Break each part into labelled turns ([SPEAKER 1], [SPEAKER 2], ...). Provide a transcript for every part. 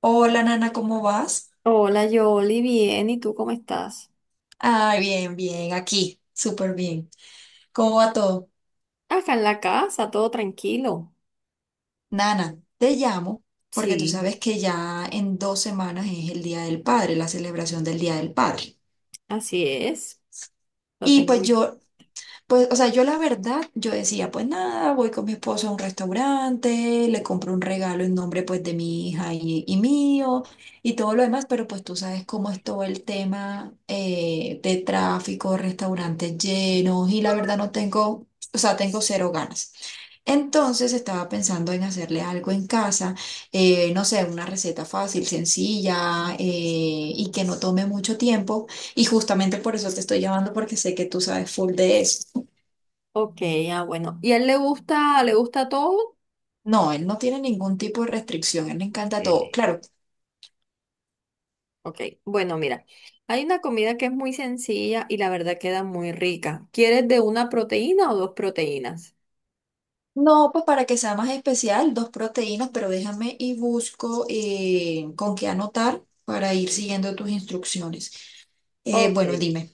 [SPEAKER 1] Hola Nana, ¿cómo vas?
[SPEAKER 2] Hola, Yoli, bien, ¿y tú cómo estás?
[SPEAKER 1] Ay, bien, bien, aquí, súper bien. ¿Cómo va todo?
[SPEAKER 2] Acá en la casa, todo tranquilo.
[SPEAKER 1] Nana, te llamo porque tú
[SPEAKER 2] Sí.
[SPEAKER 1] sabes que ya en 2 semanas es el Día del Padre, la celebración del Día del Padre.
[SPEAKER 2] Así es, lo
[SPEAKER 1] Y
[SPEAKER 2] tengo
[SPEAKER 1] pues
[SPEAKER 2] bien.
[SPEAKER 1] yo Pues, o sea, yo la verdad, yo decía, pues nada, voy con mi esposo a un restaurante, le compro un regalo en nombre pues de mi hija y mío y todo lo demás, pero pues tú sabes cómo es todo el tema de tráfico, restaurantes llenos y la verdad no tengo, o sea, tengo cero ganas. Entonces estaba pensando en hacerle algo en casa, no sé, una receta fácil, sencilla y que no tome mucho tiempo. Y justamente por eso te estoy llamando porque sé que tú sabes full de eso.
[SPEAKER 2] Ok, bueno. ¿Y a él le gusta todo?
[SPEAKER 1] No, él no tiene ningún tipo de restricción, él le encanta todo.
[SPEAKER 2] Eh,
[SPEAKER 1] Claro,
[SPEAKER 2] Ok, bueno, mira, hay una comida que es muy sencilla y la verdad queda muy rica. ¿Quieres de una proteína o dos proteínas?
[SPEAKER 1] no, pues para que sea más especial, dos proteínas, pero déjame y busco con qué anotar para ir siguiendo tus instrucciones.
[SPEAKER 2] Ok.
[SPEAKER 1] Bueno, dime.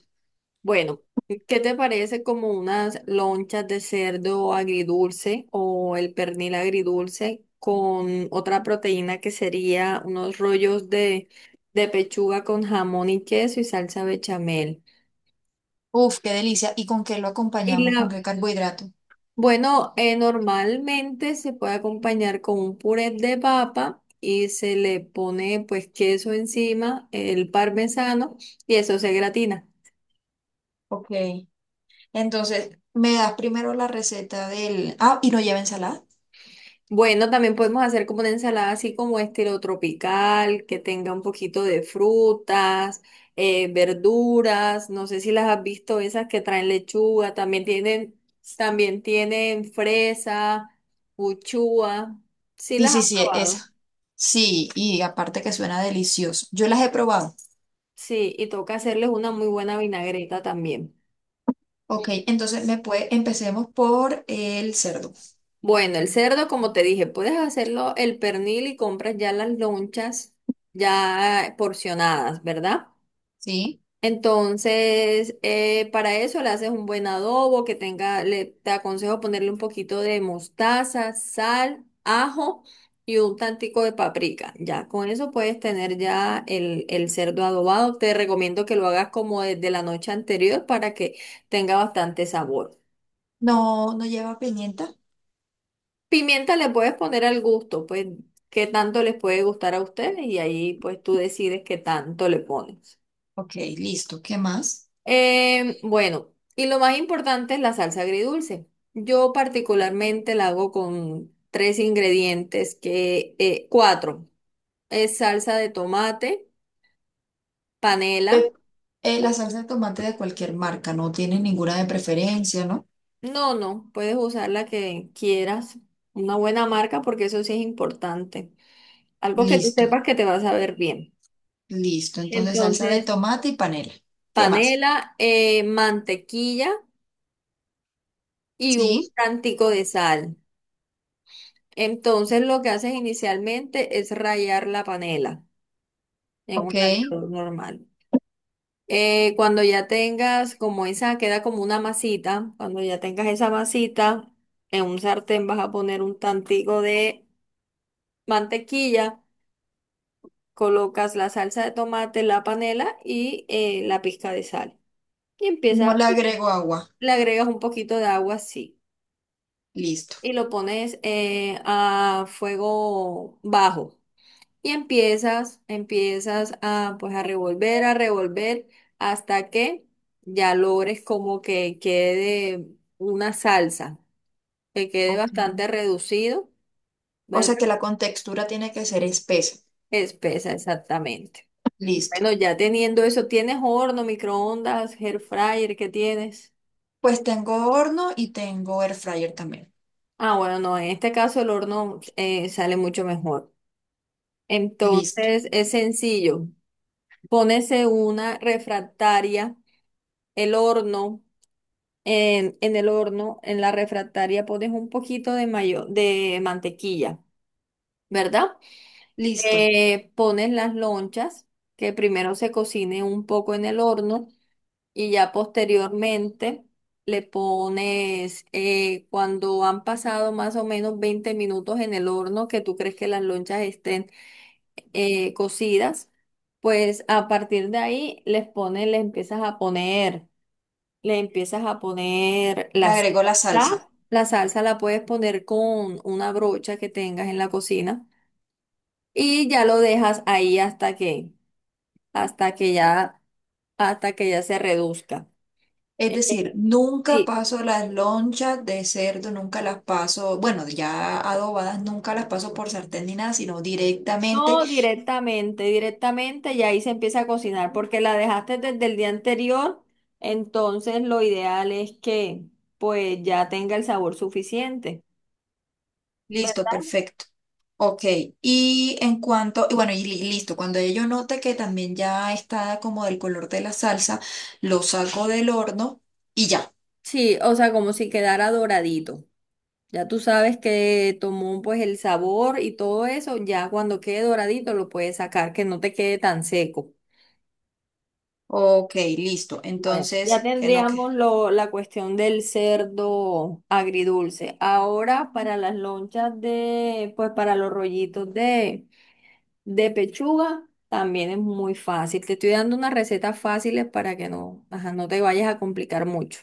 [SPEAKER 2] Bueno, ¿qué te parece como unas lonchas de cerdo agridulce o el pernil agridulce con otra proteína que sería unos rollos de pechuga con jamón y queso y salsa bechamel?
[SPEAKER 1] Uf, qué delicia. ¿Y con qué lo
[SPEAKER 2] Y
[SPEAKER 1] acompañamos? ¿Con
[SPEAKER 2] la,
[SPEAKER 1] qué carbohidrato?
[SPEAKER 2] bueno, normalmente se puede acompañar con un puré de papa y se le pone pues queso encima, el parmesano y eso se gratina.
[SPEAKER 1] Ok. Entonces, me das primero la receta del... Ah, ¿y no lleva ensalada?
[SPEAKER 2] Bueno, también podemos hacer como una ensalada así como estilo tropical, que tenga un poquito de frutas, verduras, no sé si las has visto, esas que traen lechuga, también tienen fresa, uchúa, sí
[SPEAKER 1] Sí,
[SPEAKER 2] las
[SPEAKER 1] sí,
[SPEAKER 2] has
[SPEAKER 1] sí,
[SPEAKER 2] probado,
[SPEAKER 1] esa. Sí, y aparte que suena delicioso. Yo las he probado.
[SPEAKER 2] sí, y toca hacerles una muy buena vinagreta también.
[SPEAKER 1] Ok, entonces me puede... empecemos por el cerdo.
[SPEAKER 2] Bueno, el cerdo, como te dije, puedes hacerlo el pernil y compras ya las lonchas ya porcionadas, ¿verdad?
[SPEAKER 1] Sí.
[SPEAKER 2] Entonces, para eso le haces un buen adobo que tenga, le, te aconsejo ponerle un poquito de mostaza, sal, ajo y un tantico de paprika. Ya con eso puedes tener ya el cerdo adobado. Te recomiendo que lo hagas como desde la noche anterior para que tenga bastante sabor.
[SPEAKER 1] No, no lleva pimienta.
[SPEAKER 2] Pimienta le puedes poner al gusto, pues qué tanto les puede gustar a ustedes y ahí pues tú decides qué tanto le pones.
[SPEAKER 1] Ok, listo. ¿Qué más?
[SPEAKER 2] Bueno, y lo más importante es la salsa agridulce. Yo particularmente la hago con tres ingredientes que, cuatro. Es salsa de tomate, panela.
[SPEAKER 1] Eh, la salsa de tomate de cualquier marca, no tiene ninguna de preferencia, ¿no?
[SPEAKER 2] No, no, puedes usar la que quieras. Una buena marca porque eso sí es importante. Algo que tú
[SPEAKER 1] Listo,
[SPEAKER 2] sepas que te va a saber bien.
[SPEAKER 1] listo. Entonces, salsa de
[SPEAKER 2] Entonces,
[SPEAKER 1] tomate y panela. ¿Qué más?
[SPEAKER 2] panela, mantequilla y un
[SPEAKER 1] Sí,
[SPEAKER 2] tantico de sal. Entonces, lo que haces inicialmente es rallar la panela en un
[SPEAKER 1] ok.
[SPEAKER 2] tallador normal. Cuando ya tengas como esa, queda como una masita, cuando ya tengas esa masita, en un sartén vas a poner un tantico de mantequilla, colocas la salsa de tomate, la panela y la pizca de sal. Y
[SPEAKER 1] No
[SPEAKER 2] empieza,
[SPEAKER 1] le agrego agua.
[SPEAKER 2] le agregas un poquito de agua así.
[SPEAKER 1] Listo.
[SPEAKER 2] Y lo pones a fuego bajo. Y empiezas a pues a a revolver hasta que ya logres como que quede una salsa, que quede
[SPEAKER 1] Ok.
[SPEAKER 2] bastante reducido,
[SPEAKER 1] O sea
[SPEAKER 2] ¿verdad?
[SPEAKER 1] que la contextura tiene que ser espesa.
[SPEAKER 2] Espesa exactamente.
[SPEAKER 1] Listo.
[SPEAKER 2] Bueno, ya teniendo eso, ¿tienes horno, microondas, air fryer? ¿Qué tienes?
[SPEAKER 1] Pues tengo horno y tengo air fryer también.
[SPEAKER 2] Ah, bueno, no, en este caso el horno sale mucho mejor.
[SPEAKER 1] Listo,
[SPEAKER 2] Entonces es sencillo. Pónese una refractaria, el horno. En el horno, en la refractaria, pones un poquito de mayo, de mantequilla, ¿verdad?
[SPEAKER 1] listo.
[SPEAKER 2] Pones las lonchas, que primero se cocine un poco en el horno y ya posteriormente le pones, cuando han pasado más o menos 20 minutos en el horno, que tú crees que las lonchas estén cocidas, pues a partir de ahí les pones, le empiezas a poner. Le empiezas a poner
[SPEAKER 1] Le
[SPEAKER 2] la
[SPEAKER 1] agrego la salsa.
[SPEAKER 2] salsa. La salsa la puedes poner con una brocha que tengas en la cocina y ya lo dejas ahí hasta que ya, hasta que ya se reduzca.
[SPEAKER 1] Es
[SPEAKER 2] Eh,
[SPEAKER 1] decir, nunca
[SPEAKER 2] Sí,
[SPEAKER 1] paso las lonchas de cerdo, nunca las paso, bueno, ya adobadas, nunca las paso por sartén ni nada, sino directamente,
[SPEAKER 2] no directamente, directamente y ahí se empieza a cocinar porque la dejaste desde el día anterior, entonces lo ideal es que pues ya tenga el sabor suficiente,
[SPEAKER 1] listo,
[SPEAKER 2] ¿verdad?
[SPEAKER 1] perfecto. Ok, y en cuanto, y bueno, y listo, cuando yo note que también ya está como del color de la salsa, lo saco del horno y ya.
[SPEAKER 2] Sí, o sea, como si quedara doradito. Ya tú sabes que tomó pues el sabor y todo eso, ya cuando quede doradito lo puedes sacar, que no te quede tan seco.
[SPEAKER 1] Ok, listo.
[SPEAKER 2] Bueno, ya
[SPEAKER 1] Entonces,
[SPEAKER 2] tendríamos
[SPEAKER 1] que...
[SPEAKER 2] la cuestión del cerdo agridulce. Ahora para las lonchas de, pues para los rollitos de pechuga, también es muy fácil. Te estoy dando unas recetas fáciles para que no, ajá, no te vayas a complicar mucho.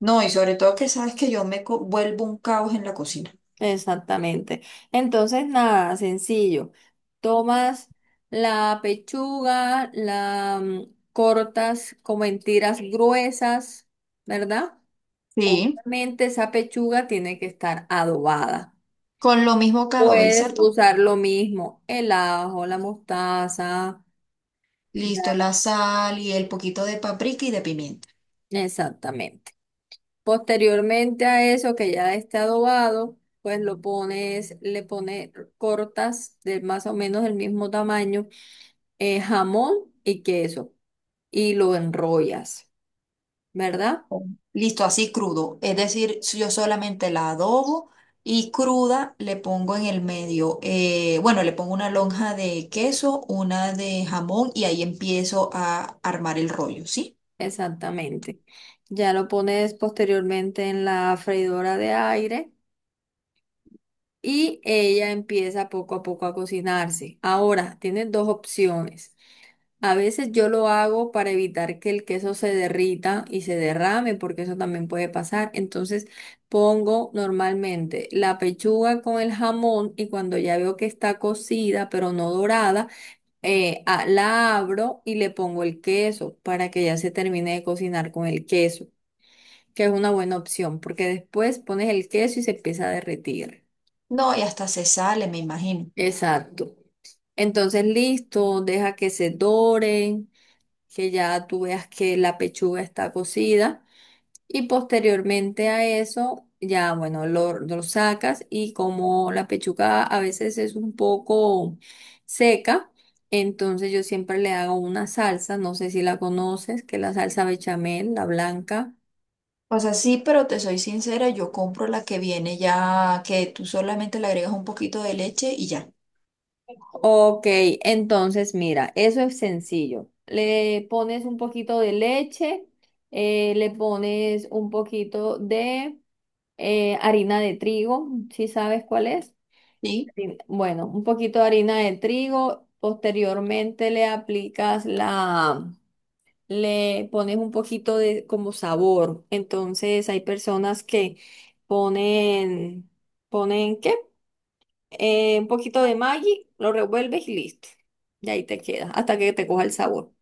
[SPEAKER 1] No, y sobre todo que sabes que yo me vuelvo un caos en la cocina.
[SPEAKER 2] Exactamente. Entonces, nada, sencillo. Tomas la pechuga, cortas como en tiras gruesas, ¿verdad?
[SPEAKER 1] Sí.
[SPEAKER 2] Obviamente esa pechuga tiene que estar adobada.
[SPEAKER 1] Con lo mismo que adobé el
[SPEAKER 2] Puedes
[SPEAKER 1] cerdo.
[SPEAKER 2] usar lo mismo, el ajo, la mostaza. ya
[SPEAKER 1] Listo,
[SPEAKER 2] la-
[SPEAKER 1] la sal y el poquito de paprika y de pimienta.
[SPEAKER 2] Exactamente. Posteriormente a eso que ya esté adobado, pues lo pones, le pones, cortas de más o menos el mismo tamaño jamón y queso y lo enrollas, ¿verdad?
[SPEAKER 1] Listo, así crudo. Es decir, si yo solamente la adobo y cruda le pongo en el medio, bueno, le pongo una lonja de queso, una de jamón y ahí empiezo a armar el rollo, ¿sí?
[SPEAKER 2] Exactamente. Ya lo pones posteriormente en la freidora de aire y ella empieza poco a poco a cocinarse. Ahora, tienes dos opciones. A veces yo lo hago para evitar que el queso se derrita y se derrame, porque eso también puede pasar. Entonces pongo normalmente la pechuga con el jamón y cuando ya veo que está cocida, pero no dorada, la abro y le pongo el queso para que ya se termine de cocinar con el queso, que es una buena opción porque después pones el queso y se empieza a derretir.
[SPEAKER 1] No, y hasta se sale, me imagino.
[SPEAKER 2] Exacto. Entonces, listo, deja que se doren, que ya tú veas que la pechuga está cocida. Y posteriormente a eso, ya bueno, lo sacas y como la pechuga a veces es un poco seca, entonces yo siempre le hago una salsa, no sé si la conoces, que es la salsa bechamel, la blanca.
[SPEAKER 1] O sea, sí, pero te soy sincera, yo compro la que viene ya, que tú solamente le agregas un poquito de leche y ya.
[SPEAKER 2] Ok, entonces mira, eso es sencillo. Le pones un poquito de leche, le pones un poquito de harina de trigo, ¿si sabes cuál es?
[SPEAKER 1] ¿Sí?
[SPEAKER 2] Bueno, un poquito de harina de trigo. Posteriormente le aplicas le pones un poquito de como sabor. Entonces hay personas que ponen, ponen ¿qué? Un poquito de Maggi, lo revuelves y listo. Y ahí te queda, hasta que te coja el sabor.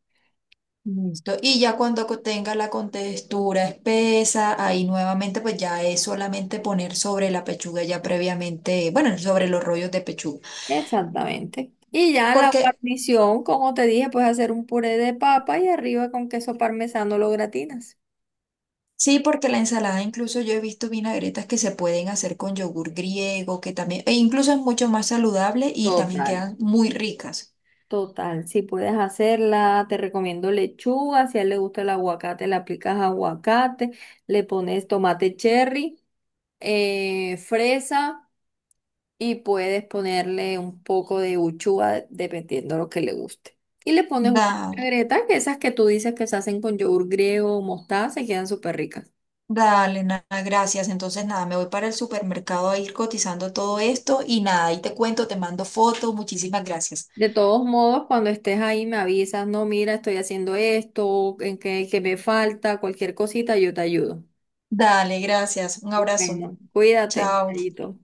[SPEAKER 1] Listo. Y ya cuando tenga la contextura espesa, ahí nuevamente pues ya es solamente poner sobre la pechuga ya previamente, bueno, sobre los rollos de pechuga.
[SPEAKER 2] Exactamente. Y ya la
[SPEAKER 1] Porque
[SPEAKER 2] guarnición, como te dije, puedes hacer un puré de papa y arriba con queso parmesano lo gratinas.
[SPEAKER 1] sí, porque la ensalada incluso yo he visto vinagretas que se pueden hacer con yogur griego, que también, e incluso es mucho más saludable y también
[SPEAKER 2] Total.
[SPEAKER 1] quedan muy ricas.
[SPEAKER 2] Total, si puedes hacerla, te recomiendo lechuga, si a él le gusta el aguacate, le aplicas aguacate, le pones tomate cherry, fresa y puedes ponerle un poco de uchuva dependiendo lo que le guste. Y le pones una
[SPEAKER 1] Dale,
[SPEAKER 2] vinagreta, que esas que tú dices que se hacen con yogur griego o mostaza, se quedan súper ricas.
[SPEAKER 1] dale, nada, gracias. Entonces nada, me voy para el supermercado a ir cotizando todo esto y nada, ahí te cuento, te mando fotos, muchísimas gracias.
[SPEAKER 2] De todos modos, cuando estés ahí me avisas, no, mira, estoy haciendo esto, en qué, qué me falta, cualquier cosita, yo te ayudo.
[SPEAKER 1] Dale, gracias. Un abrazo.
[SPEAKER 2] Bueno, cuídate,
[SPEAKER 1] Chao.
[SPEAKER 2] Yayito.